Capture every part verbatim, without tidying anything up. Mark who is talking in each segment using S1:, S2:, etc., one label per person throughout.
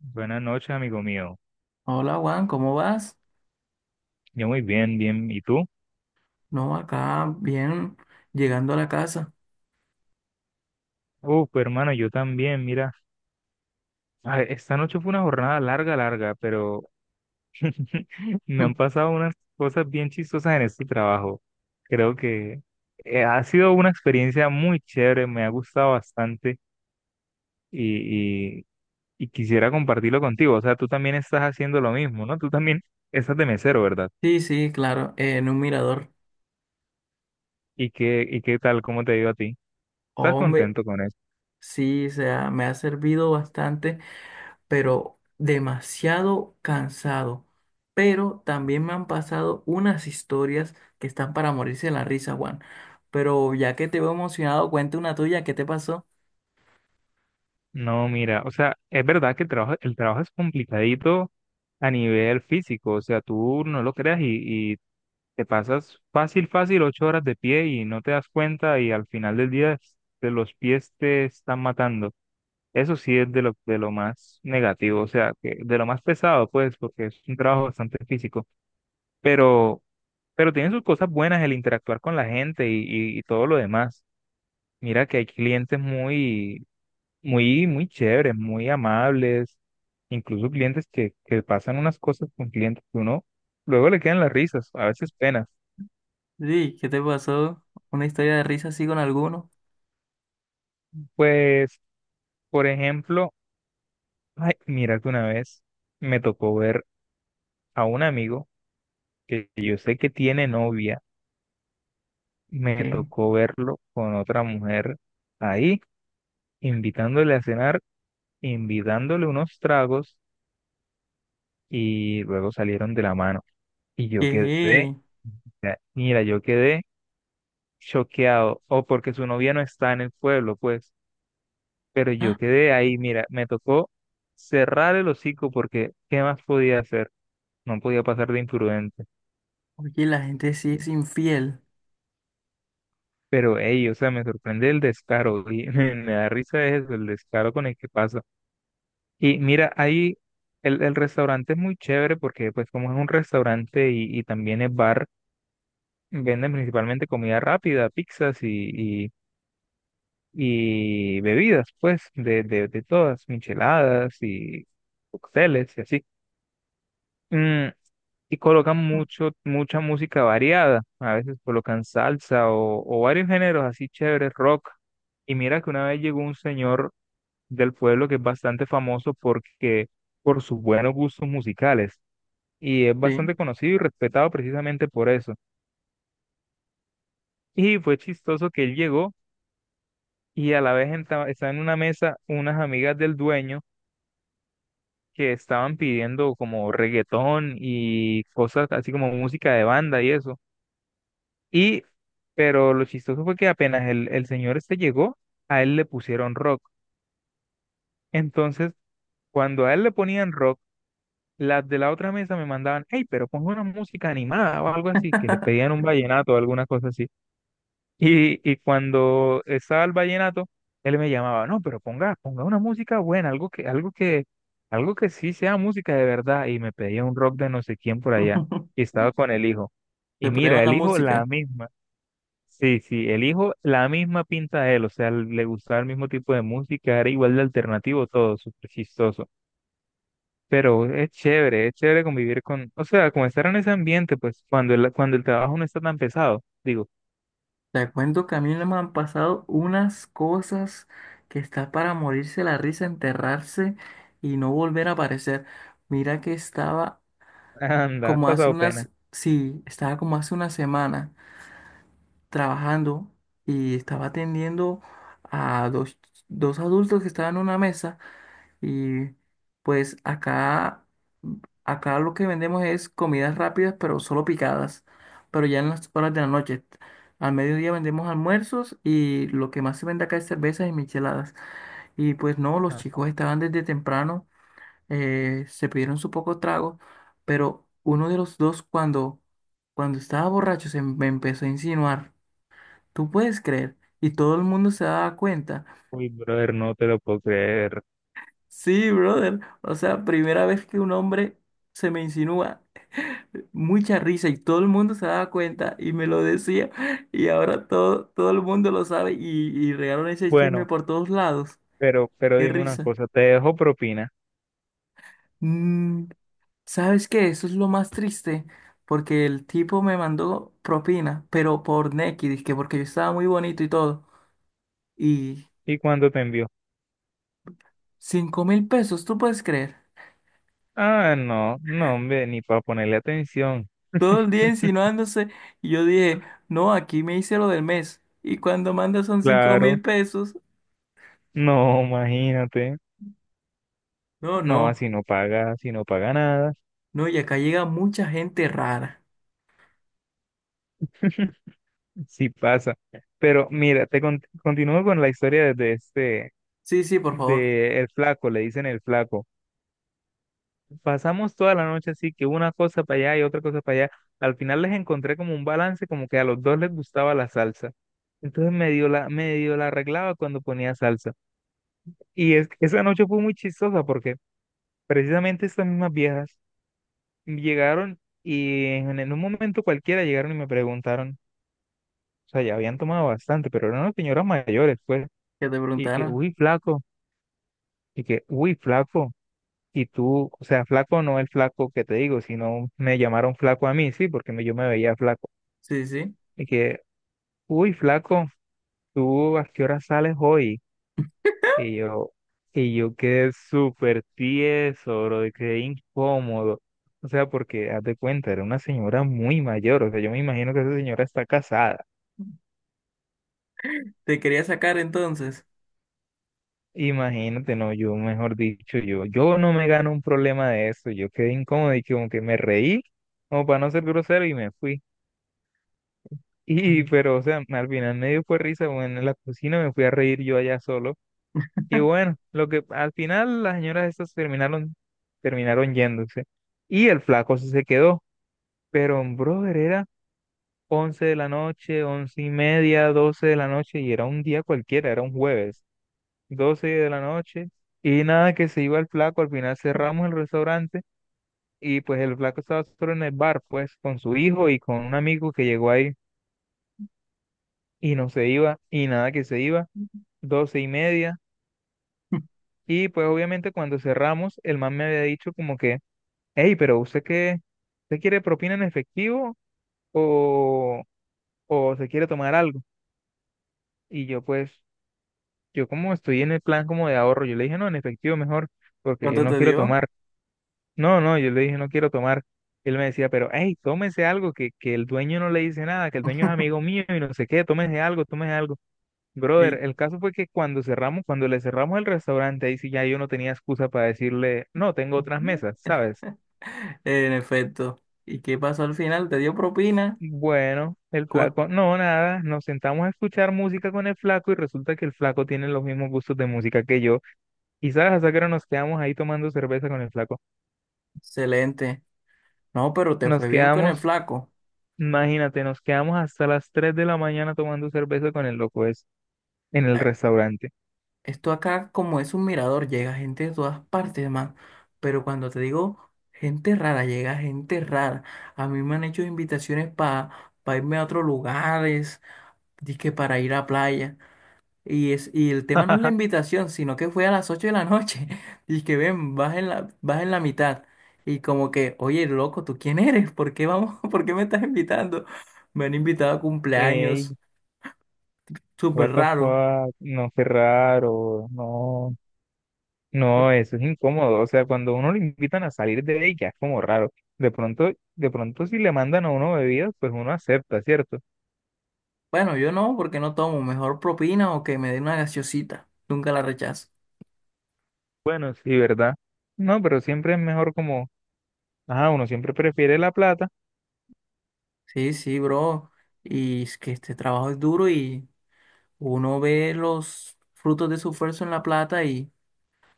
S1: Buenas noches, amigo mío.
S2: Hola Juan, ¿cómo vas?
S1: Yo muy bien, bien. ¿Y tú?
S2: No, acá bien, llegando a la casa.
S1: Uf, hermano, yo también, mira. A ver, esta noche fue una jornada larga, larga, pero me han pasado unas cosas bien chistosas en este trabajo. Creo que eh, ha sido una experiencia muy chévere, me ha gustado bastante y, y, y quisiera compartirlo contigo. O sea, tú también estás haciendo lo mismo, ¿no? Tú también estás de mesero, ¿verdad?
S2: Sí, sí, claro, en un mirador.
S1: ¿Y qué, y qué tal? ¿Cómo te ha ido a ti? ¿Estás
S2: Hombre,
S1: contento con eso?
S2: sí, o sea, me ha servido bastante, pero demasiado cansado. Pero también me han pasado unas historias que están para morirse de la risa, Juan. Pero ya que te veo emocionado, cuenta una tuya, ¿qué te pasó?
S1: No, mira, o sea, es verdad que el trabajo, el trabajo es complicadito a nivel físico. O sea, tú no lo creas, y, y te pasas fácil, fácil ocho horas de pie y no te das cuenta, y al final del día es- de los pies te están matando. Eso sí es de lo, de lo más negativo, o sea, que de lo más pesado, pues, porque es un trabajo bastante físico, pero, pero tiene sus cosas buenas: el interactuar con la gente y, y y todo lo demás. Mira que hay clientes muy muy, muy chéveres, muy amables, incluso clientes que, que pasan unas cosas con clientes que uno luego le quedan las risas, a veces penas.
S2: Sí, ¿qué te pasó? ¿Una historia de risa así con alguno?
S1: Pues, por ejemplo, ay, mira que una vez me tocó ver a un amigo que yo sé que tiene novia. Me
S2: ¿Qué?
S1: tocó verlo con otra mujer ahí, invitándole a cenar, invitándole unos tragos, y luego salieron de la mano. Y yo quedé,
S2: ¿Qué?
S1: mira, yo quedé, choqueado o porque su novia no está en el pueblo, pues, pero yo
S2: Ah,
S1: quedé ahí, mira, me tocó cerrar el hocico porque ¿qué más podía hacer? No podía pasar de imprudente.
S2: oye, la gente sí es infiel.
S1: Pero, hey, o sea, me sorprende el descaro, y me, me da risa eso, el descaro con el que pasa. Y mira, ahí el, el restaurante es muy chévere porque, pues, como es un restaurante y, y también es bar, venden principalmente comida rápida, pizzas y, y bebidas, pues, de, de, de todas, micheladas y cócteles y así. Mm, y colocan mucho, mucha música variada, a veces colocan salsa o, o varios géneros así chéveres, rock. Y mira que una vez llegó un señor del pueblo que es bastante famoso porque por sus buenos gustos musicales y es
S2: Sí.
S1: bastante conocido y respetado precisamente por eso. Y fue chistoso que él llegó y a la vez enta- estaba en una mesa unas amigas del dueño que estaban pidiendo como reggaetón y cosas así, como música de banda y eso. Y, pero lo chistoso fue que apenas el, el señor este llegó, a él le pusieron rock. Entonces, cuando a él le ponían rock, las de la otra mesa me mandaban, hey, pero pon una música animada o algo así, que le pedían un vallenato o alguna cosa así. Y, y cuando estaba el vallenato, él me llamaba, no, pero ponga, ponga una música buena, algo que, algo que, algo que sí sea música de verdad. Y me pedía un rock de no sé quién por allá. Y estaba con el hijo. Y
S2: Se prueba
S1: mira,
S2: la
S1: el hijo la
S2: música.
S1: misma. Sí, sí, el hijo la misma pinta de él. O sea, le gustaba el mismo tipo de música, era igual de alternativo todo, súper chistoso. Pero es chévere, es chévere convivir con, o sea, como estar en ese ambiente, pues, cuando el, cuando el trabajo no está tan pesado. Digo,
S2: Te cuento que a mí no me han pasado unas cosas que está para morirse la risa, enterrarse y no volver a aparecer. Mira que estaba
S1: anda, has
S2: como hace
S1: pasado pena.
S2: unas, sí, estaba como hace una semana trabajando y estaba atendiendo a dos, dos adultos que estaban en una mesa. Y pues acá, acá lo que vendemos es comidas rápidas, pero solo picadas, pero ya en las horas de la noche. Al mediodía vendemos almuerzos y lo que más se vende acá es cervezas y micheladas. Y pues no, los chicos estaban desde temprano, eh, se pidieron su poco trago, pero uno de los dos cuando, cuando estaba borracho se me empezó a insinuar, ¿tú puedes creer? Y todo el mundo se daba cuenta.
S1: Uy, brother, no te lo puedo creer.
S2: Sí, brother. O sea, primera vez que un hombre se me insinúa, eh, mucha risa y todo el mundo se daba cuenta y me lo decía y ahora todo, todo el mundo lo sabe y, y regaron ese chisme
S1: Bueno,
S2: por todos lados.
S1: pero, pero
S2: Qué
S1: dime una
S2: risa.
S1: cosa, ¿te dejo propina?
S2: Mm, ¿Sabes qué? Eso es lo más triste porque el tipo me mandó propina, pero por Nequi, dizque porque yo estaba muy bonito y todo. Y
S1: ¿Y cuándo te envió?
S2: cinco mil pesos, ¿tú puedes creer?
S1: Ah, no, no, hombre, ni para ponerle atención.
S2: Todo el día insinuándose y yo dije, no, aquí me hice lo del mes y cuando manda son cinco
S1: Claro,
S2: mil pesos,
S1: no, imagínate.
S2: No,
S1: No,
S2: no,
S1: así no paga, así no paga nada,
S2: no, y acá llega mucha gente rara.
S1: sí pasa. Pero mira, te con- continúo con la historia de de este,
S2: Sí, sí, por favor,
S1: de el flaco, le dicen el flaco. Pasamos toda la noche así, que una cosa para allá y otra cosa para allá. Al final les encontré como un balance, como que a los dos les gustaba la salsa. Entonces medio la, medio la arreglaba cuando ponía salsa. Y es, esa noche fue muy chistosa porque precisamente estas mismas viejas llegaron, y en, en un momento cualquiera llegaron y me preguntaron, o sea, ya habían tomado bastante, pero eran unas señoras mayores, pues,
S2: que te
S1: y que,
S2: preguntaron.
S1: uy, flaco, y que, uy, flaco. Y tú, o sea, flaco no el flaco que te digo, sino me llamaron flaco a mí, sí, porque me- yo me veía flaco.
S2: Sí, sí,
S1: Y que, uy, flaco, ¿tú a qué hora sales hoy? Y yo, y yo quedé súper tieso, bro, y quedé incómodo. O sea, porque, haz de cuenta, era una señora muy mayor. O sea, yo me imagino que esa señora está casada.
S2: te quería sacar entonces.
S1: Imagínate, no, yo, mejor dicho, yo, yo no me gano un problema de eso. Yo quedé incómodo y como que me reí, como para no ser grosero, y me fui. Y, pero, o sea, al final me dio fue risa, bueno, en la cocina me fui a reír yo allá solo. Y bueno, lo que al final las señoras estas terminaron, terminaron yéndose. Y el flaco sí se quedó. Pero, brother, era once de la noche, once y media, doce de la noche, y era un día cualquiera, era un jueves, doce de la noche. Y nada, que se iba el flaco, al final cerramos el restaurante. Y pues el flaco estaba solo en el bar, pues, con su hijo y con un amigo que llegó ahí. Y no se iba, y nada que se iba. Doce y media. Y pues obviamente cuando cerramos, el man me había dicho como que, hey, pero usted qué, usted quiere propina en efectivo o, o se quiere tomar algo. Y yo pues, yo como estoy en el plan como de ahorro, yo le dije, no, en efectivo mejor, porque yo
S2: ¿Cuánto
S1: no
S2: te
S1: quiero
S2: dio?
S1: tomar. No, no, yo le dije, no quiero tomar. Él me decía, pero hey, tómese algo, que, que el dueño no le dice nada, que el dueño es amigo mío y no sé qué, tómese algo, tómese algo. Brother,
S2: Y-
S1: el caso fue que cuando cerramos, cuando le cerramos el restaurante, ahí sí ya yo no tenía excusa para decirle, no, tengo otras mesas, ¿sabes?
S2: en efecto. ¿Y qué pasó al final? ¿Te dio propina?
S1: Bueno, el
S2: Co-
S1: flaco, no, nada, nos sentamos a escuchar música con el flaco, y resulta que el flaco tiene los mismos gustos de música que yo. Y sabes, hasta que nos quedamos ahí tomando cerveza con el flaco.
S2: Excelente. No, pero te
S1: Nos
S2: fue bien con el
S1: quedamos,
S2: flaco.
S1: imagínate, nos quedamos hasta las tres de la mañana tomando cerveza con el loco es en el
S2: Eh,
S1: restaurante.
S2: Esto acá, como es un mirador, llega gente de todas partes, man. Pero cuando te digo gente rara, llega gente rara. A mí me han hecho invitaciones para irme a otros lugares, dizque para ir a playa. Y, es, y el tema no es la invitación, sino que fue a las ocho de la noche. Y que ven, vas en la, vas en la mitad. Y como que, oye, loco, ¿tú quién eres? ¿Por qué vamos? ¿Por qué me estás invitando? Me han invitado a cumpleaños,
S1: Ey,
S2: súper
S1: what the
S2: raro.
S1: fuck, no, qué raro, no. No, eso es incómodo. O sea, cuando uno lo invitan a salir de ahí, ya es como raro. De pronto, de pronto si le mandan a uno bebidas, pues uno acepta, ¿cierto?
S2: Bueno, yo no, porque no tomo. Mejor propina o que me den una gaseosita. Nunca la rechazo.
S1: Bueno, sí, ¿verdad? No, pero siempre es mejor como, ajá, uno siempre prefiere la plata.
S2: Sí, sí, bro. Y es que este trabajo es duro y uno ve los frutos de su esfuerzo en la plata y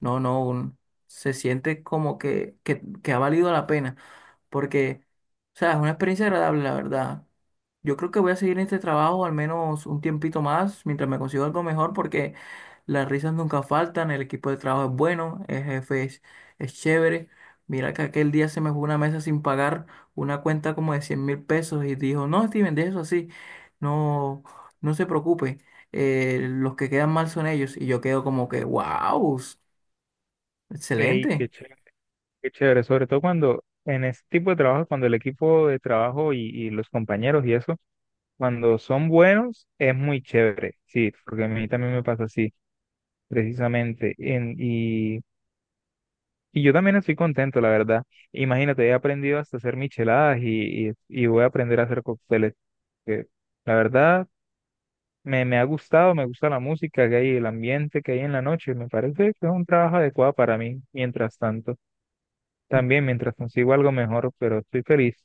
S2: no, no, un- se siente como que, que, que ha valido la pena, porque, o sea, es una experiencia agradable, la verdad. Yo creo que voy a seguir en este trabajo al menos un tiempito más, mientras me consigo algo mejor, porque las risas nunca faltan, el equipo de trabajo es bueno, el jefe es, es chévere. Mira que aquel día se me fue una mesa sin pagar una cuenta como de cien mil pesos y dijo, no, Steven, de eso así, no, no se preocupe, eh, los que quedan mal son ellos. Y yo quedo como que, wow,
S1: Ey, qué
S2: excelente.
S1: chévere, qué chévere. Sobre todo cuando en ese tipo de trabajo, cuando el equipo de trabajo y, y los compañeros y eso, cuando son buenos, es muy chévere. Sí, porque a mí también me pasa así, precisamente. En, y Y yo también estoy contento, la verdad. Imagínate, he aprendido hasta hacer micheladas y, y, y voy a aprender a hacer cócteles. Que la verdad, me, me ha gustado, me gusta la música que hay, el ambiente que hay en la noche. Me parece que es un trabajo adecuado para mí, mientras tanto. También, mientras consigo algo mejor, pero estoy feliz.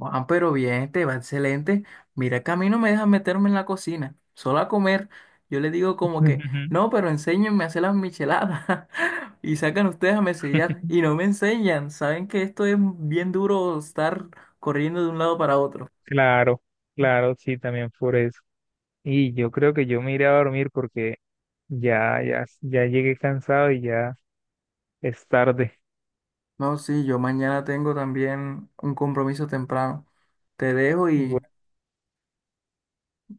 S2: Ah, pero bien, te va excelente. Mira que a mí no me dejan meterme en la cocina, solo a comer. Yo le digo como que, no, pero enséñenme a hacer las micheladas. Y sacan ustedes a mesellar y no me enseñan. Saben que esto es bien duro estar corriendo de un lado para otro.
S1: Claro, claro, sí, también por eso. Y yo creo que yo me iré a dormir porque ya, ya, ya llegué cansado y ya es tarde.
S2: No, sí, yo mañana tengo también un compromiso temprano. Te dejo
S1: Bu-
S2: y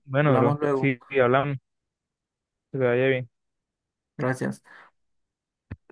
S1: Bueno, bro,
S2: hablamos luego.
S1: sí, sí, hablamos, que te vaya bien.
S2: Gracias.